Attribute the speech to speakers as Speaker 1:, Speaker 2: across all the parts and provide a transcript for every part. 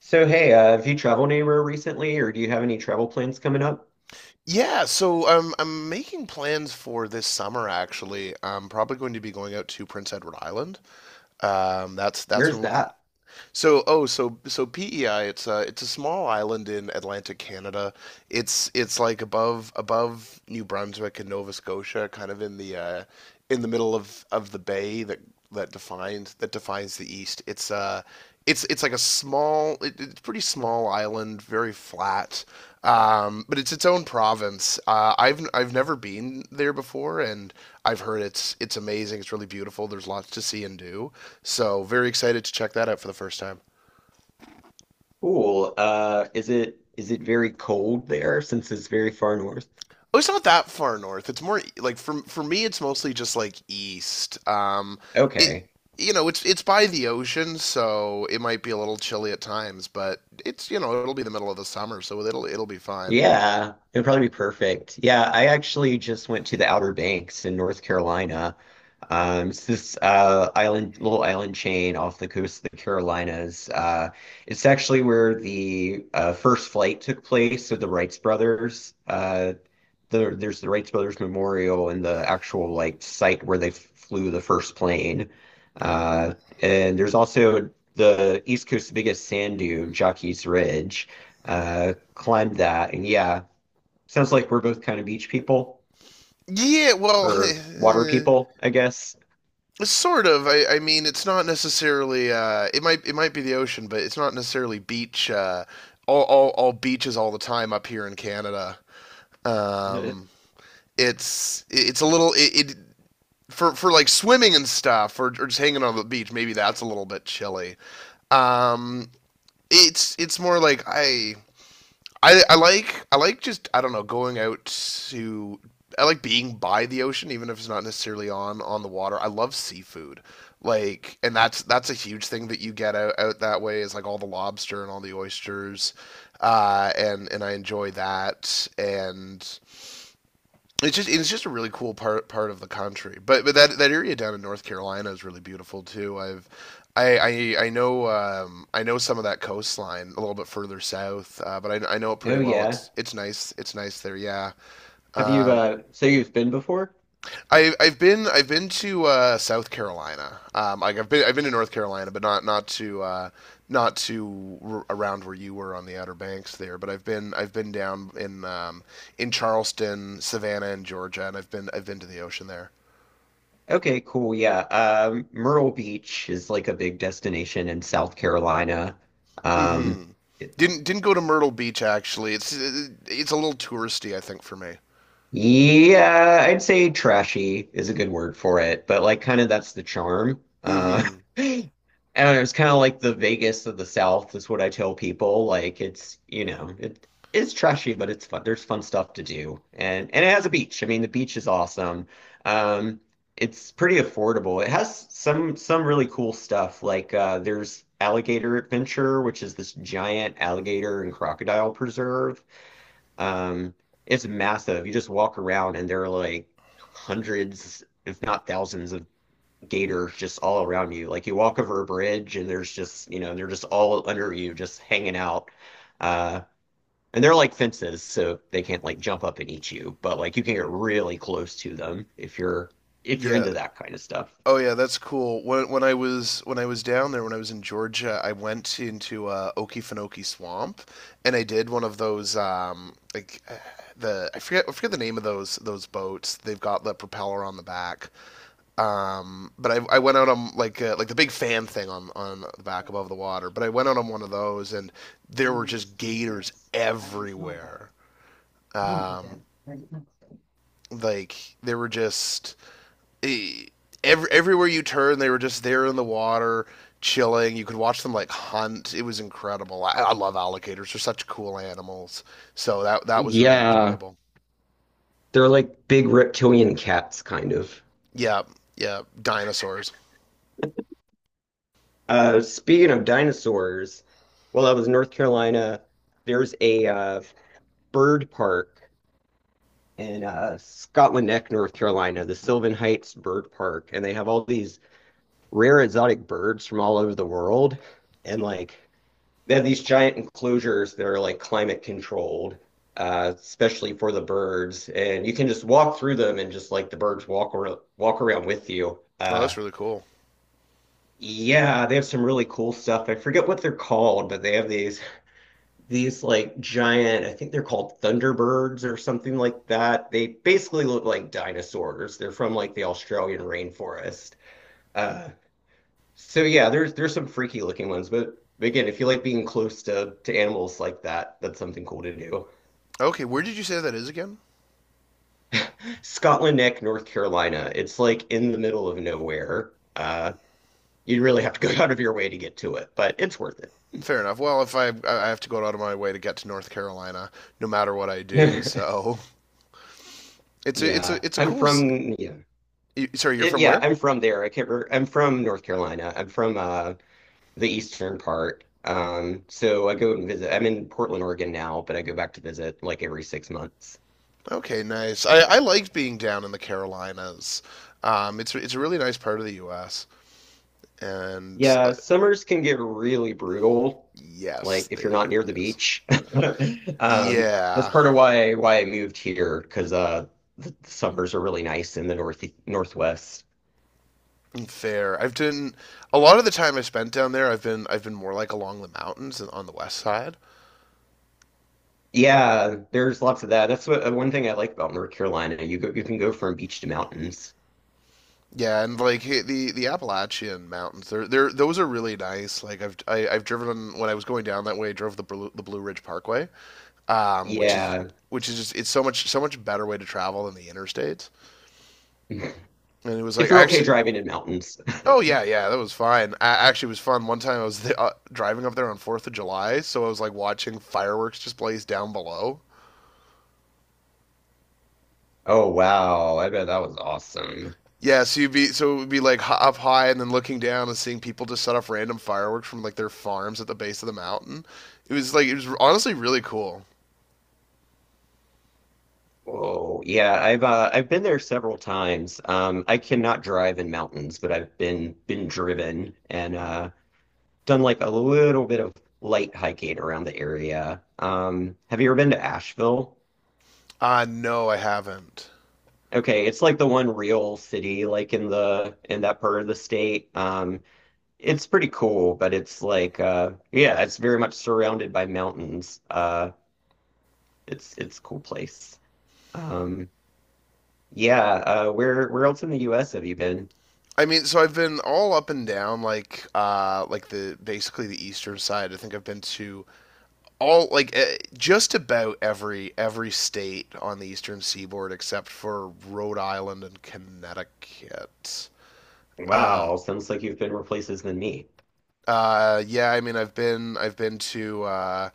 Speaker 1: So, hey, have you traveled anywhere recently, or do you have any travel plans coming up?
Speaker 2: Yeah, so I'm making plans for this summer actually. I'm probably going to be going out to Prince Edward Island. That's what
Speaker 1: Where's
Speaker 2: I'm looking.
Speaker 1: that?
Speaker 2: So PEI, it's a small island in Atlantic Canada. It's like above New Brunswick and Nova Scotia, kind of in the middle of the bay that defines the east. It's like a pretty small island, very flat. But it's its own province. I've never been there before, and I've heard it's amazing. It's really beautiful. There's lots to see and do. So very excited to check that out for the first time.
Speaker 1: Cool. Is it very cold there since it's very far north?
Speaker 2: Oh, it's not that far north. It's more like for me, it's mostly just like east. It
Speaker 1: Okay.
Speaker 2: it's by the ocean, so it might be a little chilly at times, but it'll be the middle of the summer, so it'll be fine.
Speaker 1: Yeah, it'd probably be perfect. Yeah, I actually just went to the Outer Banks in North Carolina. It's this island, little island chain off the coast of the Carolinas. It's actually where the first flight took place of the Wrights brothers. There's the Wright Brothers Memorial and the actual like site where they flew the first plane. Uh, and there's also the East Coast's biggest sand dune, Jockey's Ridge. Climbed that, and yeah, sounds like we're both kind of beach people
Speaker 2: Yeah, well,
Speaker 1: or water
Speaker 2: eh,
Speaker 1: people, I guess.
Speaker 2: sort of. I mean, it's not necessarily it might be the ocean, but it's not necessarily beach all beaches all the time up here in Canada. Um, it's a little it, it For like swimming and stuff or just hanging on the beach, maybe that's a little bit chilly. um it's more like I like just, I don't know, going out to. I like being by the ocean, even if it's not necessarily on the water. I love seafood, like, and that's a huge thing that you get out that way, is like all the lobster and all the oysters. And I enjoy that, and it's just a really cool part of the country. But that area down in North Carolina is really beautiful too. I've I I know some of that coastline a little bit further south, but I know it pretty
Speaker 1: Oh
Speaker 2: well.
Speaker 1: yeah.
Speaker 2: It's nice there. Yeah.
Speaker 1: Have you
Speaker 2: Um,
Speaker 1: so you've been before?
Speaker 2: I've been to South Carolina. I've been to North Carolina, but not around where you were on the Outer Banks there. But I've been down in Charleston, Savannah, and Georgia, and I've been to the ocean there.
Speaker 1: Okay, cool. Yeah. Myrtle Beach is like a big destination in South Carolina. Um
Speaker 2: Hmm. Didn't go to Myrtle Beach actually. It's a little touristy, I think, for me.
Speaker 1: Yeah, I'd say trashy is a good word for it, but like kind of that's the charm.
Speaker 2: Hmm.
Speaker 1: I don't know, it's kind of like the Vegas of the South is what I tell people. Like it's, you know, it's trashy, but it's fun. There's fun stuff to do. And it has a beach. I mean, the beach is awesome. Um it's pretty affordable. It has some really cool stuff. Like there's Alligator Adventure, which is this giant alligator and crocodile preserve. Um, it's massive. You just walk around and there are like hundreds, if not thousands, of gators just all around you. Like you walk over a bridge and there's just, you know, they're just all under you, just hanging out. Uh, and they're like fences, so they can't like jump up and eat you, but like you can get really close to them if you're
Speaker 2: Yeah.
Speaker 1: into that kind of stuff.
Speaker 2: Oh yeah, that's cool. When I was down there, when I was in Georgia, I went into Okefenokee Swamp, and I did one of those, like, the I forget the name of those boats. They've got the propeller on the back. But I went out on like, like the big fan thing on the back above the water. But I went out on one of those, and there were just gators everywhere. Um, like, they were just, eh, everywhere you turn, they were just there in the water, chilling. You could watch them like hunt. It was incredible. I love alligators; they're such cool animals. So that was really
Speaker 1: Yeah,
Speaker 2: enjoyable.
Speaker 1: they're like big reptilian cats, kind of.
Speaker 2: Yeah, yeah, dinosaurs.
Speaker 1: Speaking of dinosaurs, while I was in North Carolina, there's a bird park in Scotland Neck, North Carolina, the Sylvan Heights Bird Park, and they have all these rare exotic birds from all over the world, and like they have these giant enclosures that are like climate controlled, especially for the birds, and you can just walk through them and just like the birds walk around with you.
Speaker 2: Oh, that's really cool.
Speaker 1: Yeah, they have some really cool stuff. I forget what they're called, but they have these like giant, I think they're called Thunderbirds or something like that. They basically look like dinosaurs. They're from like the Australian rainforest. Uh, so yeah, there's some freaky looking ones, but again, if you like being close to animals like that, that's something cool to do.
Speaker 2: Okay, where did you say that is again?
Speaker 1: Scotland Neck, North Carolina. It's like in the middle of nowhere. You'd really have to go out of your way to get to it, but it's worth it.
Speaker 2: Fair enough. Well, if I have to go out of my way to get to North Carolina, no matter what I do, so it's a it's
Speaker 1: Yeah,
Speaker 2: a it's a
Speaker 1: I'm
Speaker 2: cool.
Speaker 1: from yeah.
Speaker 2: Sorry, you're
Speaker 1: It,
Speaker 2: from
Speaker 1: yeah,
Speaker 2: where?
Speaker 1: I'm from there. I can't remember. I'm from North Carolina. I'm from the eastern part. So I go and visit. I'm in Portland, Oregon now, but I go back to visit like every 6 months.
Speaker 2: Okay, nice. I liked being down in the Carolinas. It's a really nice part of the U.S., and
Speaker 1: Yeah, summers can get really brutal, like
Speaker 2: yes,
Speaker 1: if you're not
Speaker 2: they
Speaker 1: near the
Speaker 2: yes.
Speaker 1: beach. That's
Speaker 2: Yeah,
Speaker 1: part of why I moved here because the summers are really nice in the north northwest.
Speaker 2: fair. I've done a lot of the time I spent down there. I've been more like along the mountains and on the west side.
Speaker 1: Yeah, there's lots of that. That's what one thing I like about North Carolina. You go, you can go from beach to mountains.
Speaker 2: Yeah, and like, hey, the Appalachian Mountains, they're those are really nice. Like, I've driven on, when I was going down that way. I drove the Blue Ridge Parkway, um, which is
Speaker 1: Yeah,
Speaker 2: which is just, it's so much better way to travel than the interstates. And it was
Speaker 1: if
Speaker 2: like I
Speaker 1: you're okay
Speaker 2: actually.
Speaker 1: driving in mountains.
Speaker 2: Oh yeah, yeah, that was fine. Actually, it was fun. One time I was driving up there on Fourth of July, so I was like watching fireworks displays down below.
Speaker 1: Oh wow, I bet that was awesome.
Speaker 2: Yeah, so you'd be so it would be like up high and then looking down and seeing people just set off random fireworks from like their farms at the base of the mountain. It was honestly really cool.
Speaker 1: Whoa. Yeah, I've been there several times. I cannot drive in mountains, but I've been driven and done like a little bit of light hiking around the area. Have you ever been to Asheville?
Speaker 2: No, I haven't.
Speaker 1: Okay, it's like the one real city like in the in that part of the state. It's pretty cool, but it's like yeah, it's very much surrounded by mountains. It's a cool place. Um, Yeah, where else in the US have you been?
Speaker 2: I mean, so I've been all up and down, like, like, the basically the eastern side. I think I've been to all, like, just about every state on the eastern seaboard except for Rhode Island and Connecticut. Uh,
Speaker 1: Wow, sounds like you've been more places than me.
Speaker 2: yeah, I mean,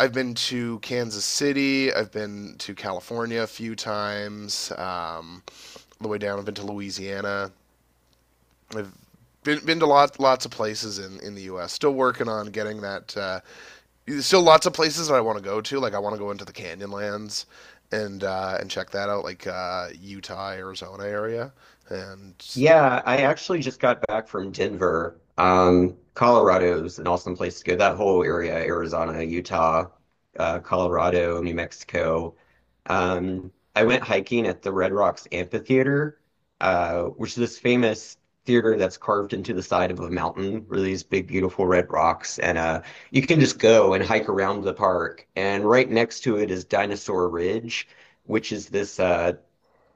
Speaker 2: I've been to Kansas City. I've been to California a few times. All the way down, I've been to Louisiana. I've been to lots of places in the U.S. Still working on getting that, there's still lots of places that I want to go to. Like, I want to go into the Canyonlands, and check that out, like, Utah, Arizona area, and
Speaker 1: Yeah, I actually just got back from Denver. Colorado's an awesome place to go. That whole area, Arizona, Utah, Colorado, New Mexico. I went hiking at the Red Rocks Amphitheater, which is this famous theater that's carved into the side of a mountain, where these big, beautiful red rocks. And you can just go and hike around the park. And right next to it is Dinosaur Ridge, which is this uh,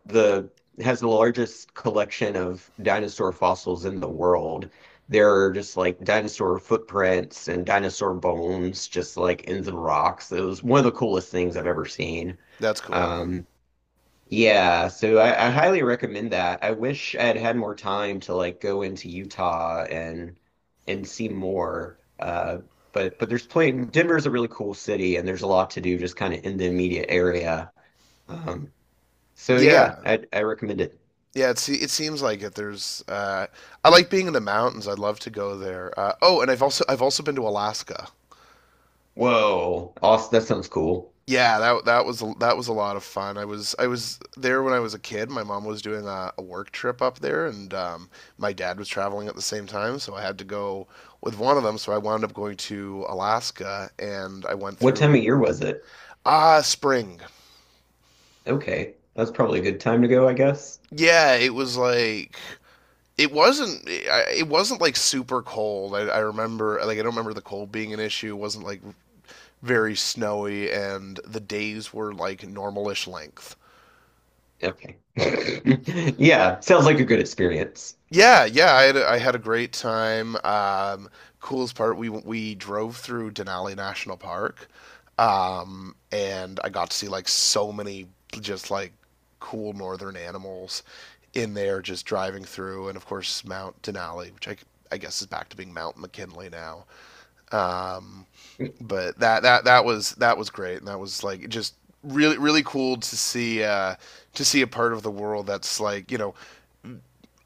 Speaker 1: the has the largest collection of dinosaur fossils in the world. There are just like dinosaur footprints and dinosaur bones just like in the rocks. It was one of the coolest things I've ever seen.
Speaker 2: that's cool.
Speaker 1: Um, yeah, so I highly recommend that. I wish I'd had more time to like go into Utah and see more. But there's plenty. Denver's a really cool city, and there's a lot to do just kind of in the immediate area. Um, so yeah,
Speaker 2: Yeah,
Speaker 1: I recommend it.
Speaker 2: yeah. It seems like it. There's I like being in the mountains. I'd love to go there. Oh, and I've also been to Alaska.
Speaker 1: Whoa. Awesome. That sounds cool.
Speaker 2: Yeah, that was a lot of fun. I was there when I was a kid. My mom was doing a work trip up there, and my dad was traveling at the same time, so I had to go with one of them. So I wound up going to Alaska, and I went
Speaker 1: What time of
Speaker 2: through
Speaker 1: year was it?
Speaker 2: spring.
Speaker 1: Okay. That's probably a good time to go, I guess.
Speaker 2: Yeah, it wasn't like super cold. I remember, like, I don't remember the cold being an issue. It wasn't like very snowy, and the days were like normalish length.
Speaker 1: Okay. Yeah, sounds like a good experience.
Speaker 2: Yeah, yeah, I had a great time. Coolest part, we drove through Denali National Park, and I got to see like so many just like cool northern animals in there just driving through, and of course Mount Denali, which I guess is back to being Mount McKinley now. Um, but that was great, and that was like just really cool to see, to see a part of the world that's like,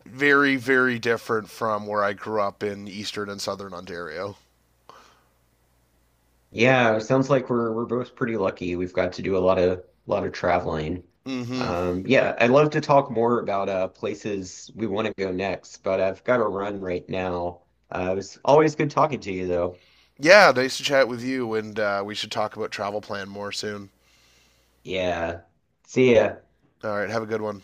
Speaker 2: very different from where I grew up in eastern and southern Ontario.
Speaker 1: Yeah, sounds like we're both pretty lucky. We've got to do a lot of traveling.
Speaker 2: Mm-hmm.
Speaker 1: Yeah, I'd love to talk more about places we want to go next, but I've got to run right now. It was always good talking to you, though.
Speaker 2: Yeah, nice to chat with you, and we should talk about travel plan more soon.
Speaker 1: Yeah. See ya.
Speaker 2: All right, have a good one.